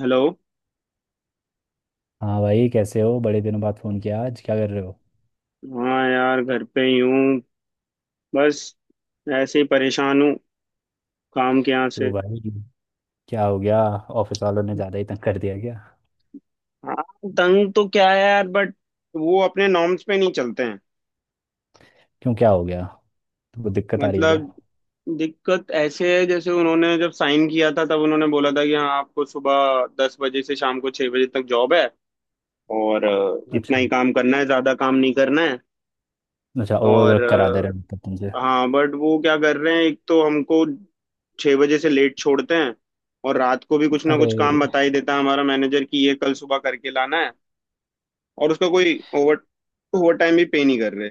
Hello. हाँ भाई, कैसे हो? बड़े दिनों बाद फोन किया। आज क्या कर रहे हो? हाँ यार, घर पे ही हूँ। बस, ऐसे ही परेशान हूँ काम के यहाँ से। क्यों भाई, क्या हो गया? ऑफिस वालों ने ज़्यादा ही तंग कर दिया क्या? हाँ, तंग तो क्या है यार, बट वो अपने नॉर्म्स पे नहीं चलते हैं। क्यों, क्या हो गया? तुमको दिक्कत आ रही है क्या? मतलब, दिक्कत ऐसे है जैसे उन्होंने जब साइन किया था तब उन्होंने बोला था कि हाँ, आपको सुबह 10 बजे से शाम को 6 बजे तक जॉब है, और इतना अच्छा, ही काम करना है, ज्यादा काम नहीं करना है। अच्छा, ओवर और वर्क करा दे रहे हैं मतलब तुमसे। हाँ, बट वो क्या कर रहे हैं, एक तो हमको 6 बजे से लेट छोड़ते हैं, और रात को भी कुछ ना कुछ काम अरे, बता ही देता है हमारा मैनेजर कि ये कल सुबह करके लाना है, और उसका कोई ओवर ओवर टाइम भी पे नहीं कर रहे।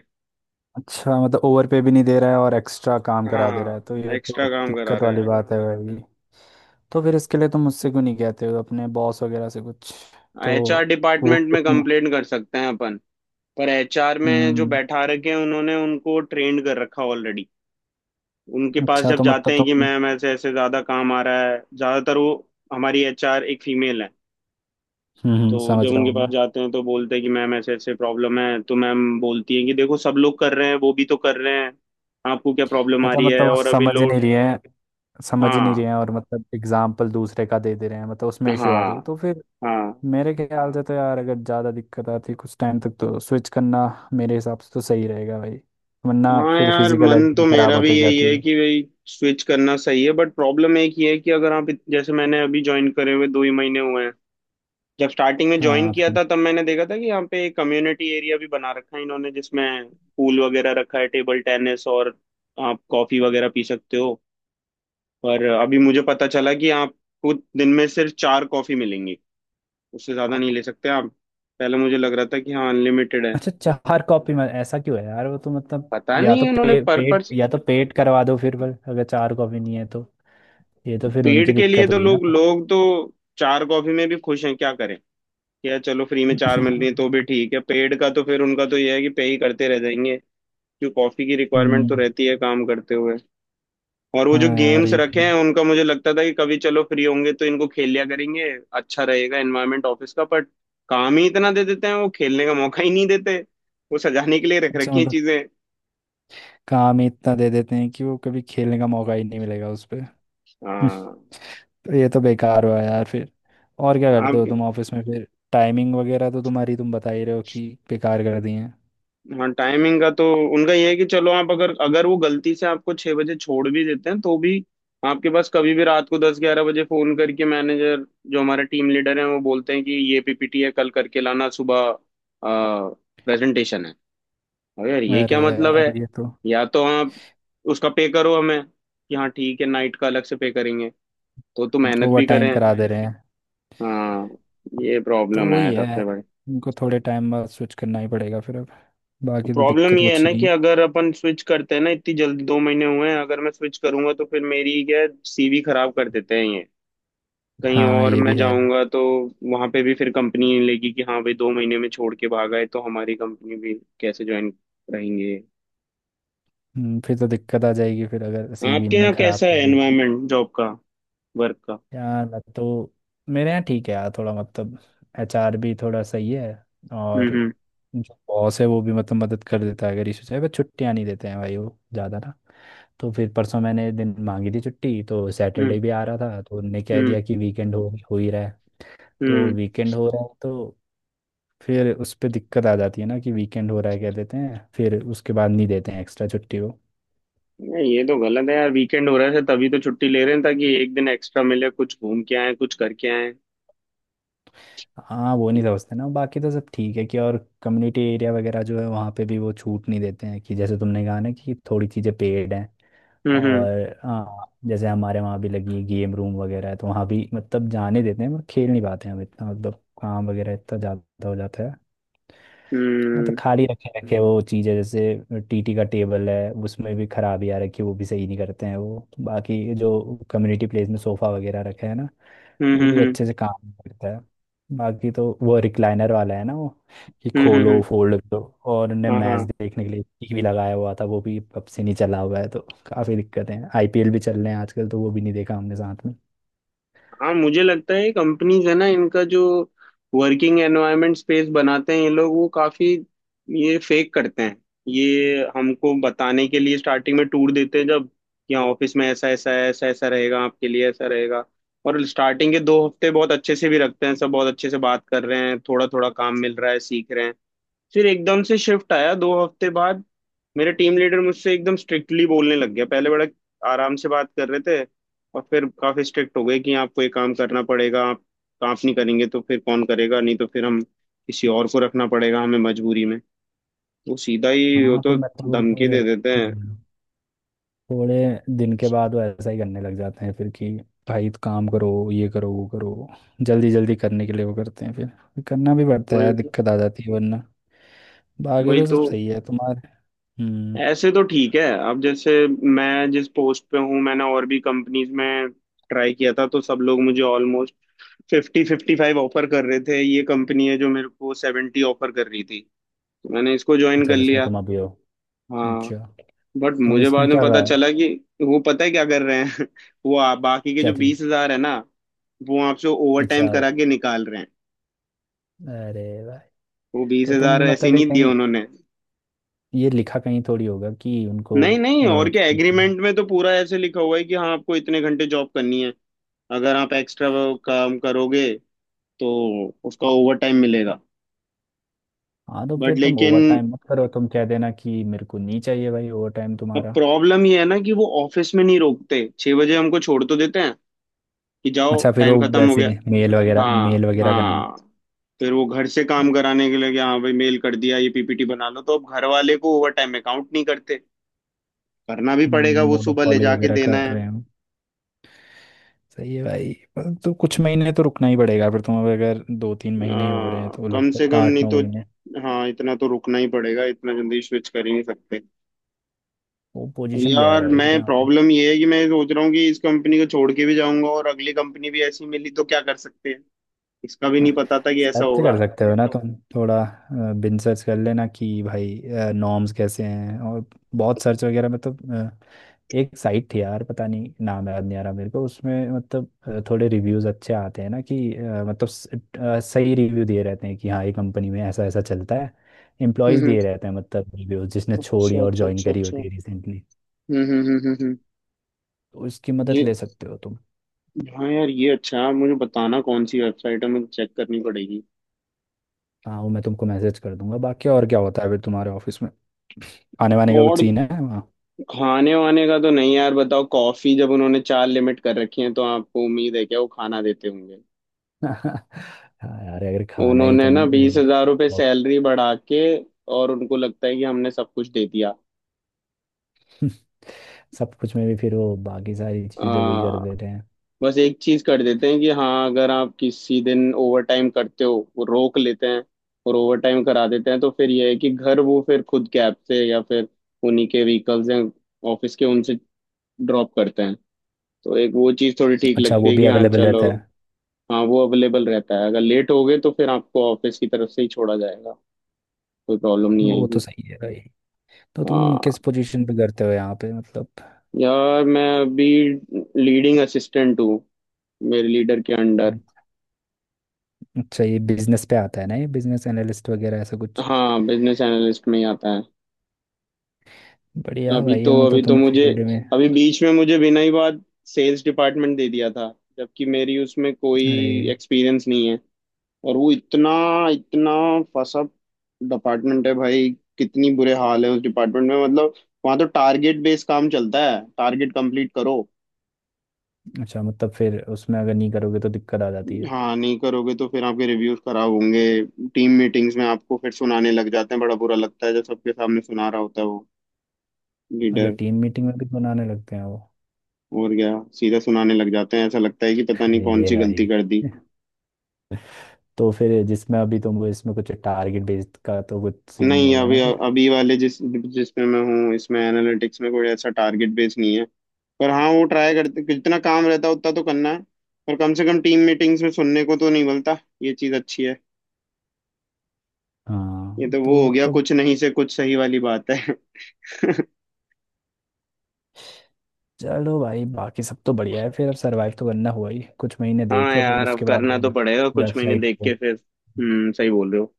अच्छा मतलब ओवर पे भी नहीं दे रहा है और एक्स्ट्रा काम करा दे रहा है, तो हाँ, ये एक्स्ट्रा तो काम करा दिक्कत रहे वाली हैं। बात है भाई। तो फिर इसके लिए तुम मुझसे क्यों नहीं कहते हो अपने बॉस वगैरह से कुछ? तो एचआर वो डिपार्टमेंट कुछ में नहीं। कंप्लेंट कर सकते हैं अपन, पर एचआर में जो हम्म। बैठा रखे हैं उन्होंने, उनको ट्रेंड कर रखा ऑलरेडी। उनके पास अच्छा, जब तो मतलब जाते हैं कि तुम। मैम ऐसे ऐसे ज्यादा काम आ रहा है, ज्यादातर वो। हमारी एचआर एक फीमेल है, तो समझ जब रहा उनके हूँ पास मैं। जाते हैं तो बोलते हैं कि मैम ऐसे ऐसे प्रॉब्लम है, तो मैम बोलती हैं कि देखो सब लोग कर रहे हैं, वो भी तो कर रहे हैं, आपको क्या प्रॉब्लम आ मतलब रही है, वो और अभी समझ नहीं लोड। रही है। समझ नहीं हाँ, रहे हैं और मतलब एग्जाम्पल दूसरे का दे दे रहे हैं, मतलब उसमें इशू आ रही है हाँ, तो फिर हाँ। मेरे ख्याल से तो यार, अगर ज़्यादा दिक्कत आती है कुछ टाइम तक, तो स्विच करना मेरे हिसाब से तो सही रहेगा भाई। वरना हाँ फिर यार, फिजिकल हेल्थ मन तो भी खराब मेरा भी होते यही जाती है है। कि भाई, स्विच करना सही है, बट प्रॉब्लम एक ही है कि अगर आप जैसे मैंने अभी ज्वाइन करे हुए 2 ही महीने हुए हैं। जब स्टार्टिंग में ज्वाइन हाँ किया फिर था तब मैंने देखा था कि यहाँ पे एक कम्युनिटी एरिया भी बना रखा है इन्होंने, जिसमें पूल वगैरह रखा है, टेबल टेनिस, और आप कॉफी वगैरह पी सकते हो। पर अभी मुझे पता चला कि आपको दिन में सिर्फ चार कॉफी मिलेंगी, उससे ज्यादा नहीं ले सकते आप। पहले मुझे लग रहा था कि हाँ, अनलिमिटेड है। अच्छा, चार कॉपी में ऐसा क्यों है यार? वो तो मतलब पता या तो नहीं उन्होंने पे, पर पेट पर्सन या तो पेट करवा दो फिर, पर अगर चार कॉपी नहीं है तो ये तो फिर पेड़ उनकी के लिए, दिक्कत तो हुई ना। लोग लोग तो चार कॉफी में भी खुश हैं, क्या करें। क्या, चलो फ्री में चार मिल रही है तो भी ठीक है, पेड़ का तो फिर उनका तो यह है कि पे ही करते रह जाएंगे। क्यों, कॉफी की रिक्वायरमेंट हम्म। तो रहती है काम करते हुए। और वो जो हाँ यार, गेम्स ये भी रखे हैं, है। उनका मुझे लगता था कि कभी चलो फ्री होंगे तो इनको खेल लिया करेंगे, अच्छा रहेगा एनवायरनमेंट ऑफिस का। बट काम ही इतना दे देते हैं, वो खेलने का मौका ही नहीं देते। वो सजाने के लिए रख अच्छा रखी हैं मतलब चीजें। काम ही इतना दे देते हैं कि वो कभी खेलने का मौका ही नहीं मिलेगा उस पे। हाँ। तो ये तो बेकार हुआ यार फिर। और क्या आप। करते हो तुम ऑफिस में फिर? टाइमिंग वगैरह तो तुम्हारी तुम बता ही रहे हो कि बेकार कर दी है। हाँ, टाइमिंग का तो उनका ये है कि चलो आप, अगर अगर वो गलती से आपको 6 बजे छोड़ भी देते हैं तो भी आपके पास कभी भी रात को 10-11 बजे फोन करके मैनेजर, जो हमारे टीम लीडर हैं, वो बोलते हैं कि ये पीपीटी है कल करके लाना सुबह, प्रेजेंटेशन है। अरे यार, ये क्या अरे मतलब है। यार, ये तो या तो आप उसका पे करो हमें कि हाँ ठीक है, नाइट का अलग से पे करेंगे, तो मेहनत ओवर भी टाइम करें। करा दे रहे हैं। हाँ, ये तो प्रॉब्लम है वही है, सबसे बड़ी। उनको थोड़े टाइम बाद स्विच करना ही पड़ेगा फिर अब, बाकी तो प्रॉब्लम दिक्कत ये है कुछ ना कि नहीं। अगर अपन स्विच करते हैं ना, इतनी जल्दी, 2 महीने हुए हैं, अगर मैं स्विच करूंगा तो फिर मेरी क्या, सीवी खराब कर देते हैं ये। कहीं हाँ, और ये भी मैं है। जाऊंगा तो वहां पे भी फिर कंपनी नहीं लेगी कि हाँ भाई, 2 महीने में छोड़ के भागा है, तो हमारी कंपनी भी कैसे ज्वाइन रहेंगे। फिर तो दिक्कत आ जाएगी फिर अगर सीवी आपके ने यहाँ खराब कैसा कर है दी तो। एनवायरमेंट जॉब का, वर्क का। यार मैं तो मेरे यहाँ ठीक है यार, थोड़ा मतलब एचआर भी थोड़ा सही है। हम्म, और जो बॉस है वो भी मतलब मदद कर देता है अगर इशू चाहिए। बस छुट्टियाँ नहीं देते हैं भाई वो ज़्यादा ना। तो फिर परसों मैंने दिन मांगी थी छुट्टी, तो हम्म, सैटरडे भी आ रहा था तो उनने कह हम्म, दिया कि वीकेंड हो ही रहा है। तो हम्म। वीकेंड हो रहा है तो फिर उस पर दिक्कत आ जाती है ना कि वीकेंड हो रहा है कह देते हैं, फिर उसके बाद नहीं देते हैं एक्स्ट्रा छुट्टी वो। नहीं, ये तो गलत है यार, वीकेंड हो रहा है तभी तो छुट्टी ले रहे हैं, ताकि एक दिन एक्स्ट्रा मिले, कुछ घूम के आए, कुछ करके आए। हाँ वो नहीं समझते ना। बाकी तो सब ठीक है कि और कम्युनिटी एरिया वगैरह जो है वहाँ पे भी वो छूट नहीं देते हैं, कि जैसे तुमने कहा ना कि थोड़ी चीज़ें पेड हैं। हम्म, हम्म, और हाँ, जैसे हमारे वहाँ भी लगी गेम रूम वगैरह है तो वहाँ भी मतलब जाने देते हैं, पर खेल नहीं पाते हैं हम इतना। मतलब काम वगैरह इतना ज़्यादा हो जाता है। मतलब खाली रखे रखे वो चीज़ है, जैसे टीटी का टेबल है उसमें भी खराबी आ रखी है, वो भी सही नहीं करते हैं वो। बाकी जो कम्युनिटी प्लेस में सोफ़ा वगैरह रखा है ना, हम्म। वो हम्म, भी हम्म, अच्छे से काम करता है। बाकी तो वो रिक्लाइनर वाला है ना वो, कि हम्म, हम्म, खोलो हम्म। फोल्ड करो। और उनने हाँ, हाँ। मैच देखने के लिए टीवी भी लगाया हुआ था, वो भी अब से नहीं चला हुआ है, तो काफ़ी दिक्कतें हैं। आईपीएल भी चल रहे हैं आजकल, तो वो भी नहीं देखा हमने साथ में। हाँ, मुझे लगता है कंपनीज है ना इनका, जो वर्किंग एनवायरनमेंट स्पेस बनाते हैं ये लोग, वो काफी ये फेक करते हैं। ये हमको बताने के लिए स्टार्टिंग में टूर देते हैं, जब कि हाँ ऑफिस में ऐसा ऐसा है, ऐसा ऐसा रहेगा आपके लिए, ऐसा रहेगा। और स्टार्टिंग के 2 हफ्ते बहुत अच्छे से भी रखते हैं, सब बहुत अच्छे से बात कर रहे हैं, थोड़ा थोड़ा काम मिल रहा है, सीख रहे हैं। फिर एकदम से शिफ्ट आया 2 हफ्ते बाद। मेरे टीम लीडर मुझसे एकदम स्ट्रिक्टली बोलने लग गया, पहले बड़ा आराम से बात कर रहे थे, और फिर काफी स्ट्रिक्ट हो गए कि आपको ये काम करना पड़ेगा, आप नहीं करेंगे तो फिर कौन करेगा, नहीं तो फिर हम किसी और को रखना पड़ेगा हमें मजबूरी में। वो सीधा ही, वो हाँ तो फिर मतलब वो धमकी फिर दे देते हैं। थोड़े दिन के बाद वो ऐसा ही करने लग जाते हैं फिर कि भाई तो काम करो, ये करो, वो करो। जल्दी जल्दी करने के लिए वो करते हैं, फिर करना भी पड़ता वही है तो। दिक्कत आ जाती है, वरना बाकी वही तो तो। सब सही है तुम्हारे। हम्म। ऐसे तो ठीक है। अब जैसे मैं जिस पोस्ट पे हूँ, मैंने और भी कंपनीज में ट्राई किया था तो सब लोग मुझे 50, 55 ऑफर कर रहे थे, ये कंपनी है जो मेरे को 70 ऑफर कर रही थी, तो मैंने इसको ज्वाइन अच्छा, कर जिसमें लिया। तुम अभी हो? अच्छा, हाँ, बट तुम मुझे बाद इसमें में क्या? पता चला कि वो पता है क्या कर रहे हैं वो, बाकी के क्या जो थी? 20,000 है ना, वो आपसे ओवर अच्छा। टाइम करा के निकाल रहे हैं। अरे भाई, वो बीस तो तुम हजार भी ऐसे मतलब ये नहीं दिए कहीं उन्होंने। ये लिखा कहीं थोड़ी होगा कि उनको। नहीं नहीं, और अ, क्या, एग्रीमेंट में तो पूरा ऐसे लिखा हुआ है कि हाँ आपको इतने घंटे जॉब करनी है, अगर आप एक्स्ट्रा काम करोगे तो उसका ओवर टाइम मिलेगा। हाँ तो बट फिर तुम लेकिन ओवर टाइम मत करो, तुम कह देना कि मेरे को नहीं चाहिए भाई ओवर टाइम अब तुम्हारा। प्रॉब्लम ये है ना कि वो ऑफिस में नहीं रोकते, 6 बजे हमको छोड़ तो देते हैं कि जाओ अच्छा, फिर टाइम वो खत्म हो वैसे गया। हाँ, मेल वगैरह का हाँ। फिर वो घर से काम कराने के लिए कि हाँ भाई, मेल कर दिया, ये पीपीटी बना लो, तो अब घर वाले को ओवर टाइम अकाउंट नहीं करते, करना भी पड़ेगा, वो सुबह ले मोनोपॉली जाके वगैरह देना कर है। रहे हो। सही है भाई, पर तो कुछ महीने तो रुकना ही पड़ेगा फिर तुम। अब अगर दो तीन महीने ही हो रहे हैं तो कम से लगभग कम आठ नहीं नौ तो, महीने हाँ इतना तो रुकना ही पड़ेगा, इतना जल्दी स्विच कर ही नहीं सकते। वो अब पोजीशन गया है यार भाई फिर मैं, यहाँ। प्रॉब्लम ये है कि मैं सोच रहा हूँ कि इस कंपनी को छोड़ के भी जाऊंगा और अगली कंपनी भी ऐसी मिली तो क्या कर सकते हैं। इसका भी नहीं पता था कि ऐसा सर्च होगा। कर सकते हो ना, तो तुम थोड़ा बिन सर्च कर लेना कि भाई नॉर्म्स कैसे हैं। और बहुत सर्च वगैरह में तो अ, एक साइट थी यार, पता नहीं नाम याद नहीं आ रहा मेरे को। उसमें मतलब थोड़े रिव्यूज अच्छे आते हैं ना कि मतलब सही रिव्यू दिए रहते हैं कि हाँ, ये कंपनी में ऐसा ऐसा चलता है। हम्म, एम्प्लॉयज दिए रहते हैं मतलब रिव्यूज, जिसने छोड़ी अच्छा, और अच्छा, ज्वाइन अच्छा, करी होती अच्छा। है रिसेंटली। हम्म, हम्म, हम्म, हम्म, तो उसकी मदद ये, ले सकते हो तुम। हाँ यार, ये अच्छा है, मुझे बताना कौन सी वेबसाइट है, मुझे चेक करनी पड़ेगी। हाँ वो मैं तुमको मैसेज कर दूंगा। बाकी और क्या होता है फिर तुम्हारे ऑफिस में, आने वाने का कुछ और सीन है? खाने वाने का तो नहीं यार, बताओ, कॉफी जब उन्होंने चार लिमिट कर रखी है, तो आपको उम्मीद है क्या वो खाना देते होंगे। हाँ यार, अगर खाना ही उन्होंने तुम ना वो। 20,000 रुपये वो- सैलरी बढ़ा के और उनको लगता है कि हमने सब कुछ दे सब कुछ में भी फिर वो बाकी सारी चीजें वही कर दिया। देते हैं। बस एक चीज कर देते हैं कि हाँ, अगर आप किसी दिन ओवर टाइम करते हो, वो रोक लेते हैं और ओवर टाइम करा देते हैं, तो फिर ये है कि घर, वो फिर खुद कैब से, या फिर उन्हीं के व्हीकल्स हैं ऑफिस के, उनसे ड्रॉप करते हैं। तो एक वो चीज़ थोड़ी ठीक अच्छा, लगती वो है भी कि बिल्कुल हाँ अवेलेबल रहता चलो। है? हाँ, वो अवेलेबल रहता है, अगर लेट हो गए तो फिर आपको ऑफिस की तरफ से ही छोड़ा जाएगा, कोई प्रॉब्लम नहीं वो तो आएगी। सही है भाई। तो तुम किस हाँ, पोजीशन पे करते हो यहाँ पे मतलब? यार मैं अभी लीडिंग असिस्टेंट हूँ, मेरे लीडर के अंडर। अच्छा, ये बिजनेस पे आता है ना, ये बिजनेस एनालिस्ट वगैरह ऐसा कुछ? हाँ, बिजनेस एनालिस्ट में ही आता है। बढ़िया है अभी भाई, ये तो अभी मतलब तो तुमने मुझे, फील्ड में। अभी बीच में मुझे बिना ही बात सेल्स डिपार्टमेंट दे दिया था, जबकि मेरी उसमें कोई अरे। एक्सपीरियंस नहीं है, और वो इतना इतना फसा डिपार्टमेंट है भाई, कितनी बुरे हाल है उस डिपार्टमेंट में, मतलब वहाँ तो टारगेट बेस्ड काम चलता है, टारगेट कंप्लीट करो। अच्छा मतलब फिर उसमें अगर नहीं करोगे तो दिक्कत आ जाती है। हाँ, नहीं करोगे तो फिर आपके रिव्यूज खराब होंगे। टीम मीटिंग्स में आपको फिर सुनाने लग जाते हैं, बड़ा बुरा लगता है जब सबके सामने सुना रहा होता है वो और जो लीडर। टीम मीटिंग में भी तो बनाने लगते हैं वो। और क्या, सीधा सुनाने लग जाते हैं, ऐसा लगता है कि पता नहीं हाँ, कौन ये सी गलती भाई। कर दी। तो फिर जिसमें अभी तुम इसमें कुछ टारगेट बेस्ड का तो कुछ सीन नहीं नहीं, होगा अभी ना फिर? अभी वाले जिसमें मैं हूँ, इसमें एनालिटिक्स में कोई ऐसा टारगेट बेस नहीं है, पर हाँ, वो ट्राई करते जितना काम रहता है उतना तो करना है, पर कम से कम टीम मीटिंग्स में सुनने को तो नहीं मिलता, ये चीज़ अच्छी है। ये हाँ तो तो वो हो वो गया, तो कुछ नहीं से कुछ सही वाली बात है। चलो भाई, बाकी सब तो बढ़िया है फिर। अब सरवाइव तो करना हुआ ही, कुछ महीने हाँ देख लो फिर यार, अब उसके बाद करना तो पड़ेगा, कुछ महीने वेबसाइट देख पे। के फिर। हम्म, सही बोल रहे हो।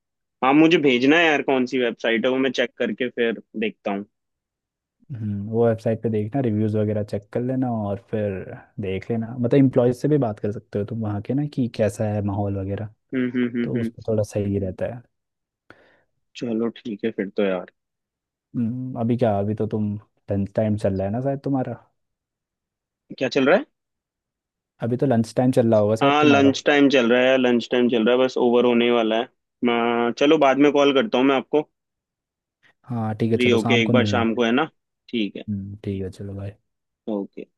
हाँ, मुझे भेजना है यार कौन सी वेबसाइट है, वो मैं चेक करके फिर देखता हूँ। वो वेबसाइट पे देखना रिव्यूज़ वगैरह चेक कर लेना, और फिर देख लेना। मतलब इम्प्लॉयज से भी बात कर सकते हो तुम वहाँ के ना, कि कैसा है माहौल वगैरह। हम्म, हम्म, हम्म, तो हम्म। उसमें थोड़ा सही रहता है। चलो ठीक है फिर तो यार। अभी क्या, अभी तो तुम लंच टाइम चल रहा है ना शायद तुम्हारा? क्या चल रहा है। अभी तो लंच टाइम चल रहा होगा शायद हाँ, तुम्हारा। लंच टाइम चल रहा है, लंच टाइम चल रहा है, बस ओवर होने वाला है। मैं चलो बाद में कॉल करता हूँ मैं आपको, हाँ ठीक है, फ्री चलो होके शाम एक को बार मिलना। शाम को, है ना। ठीक है। ठीक है चलो भाई। ओके।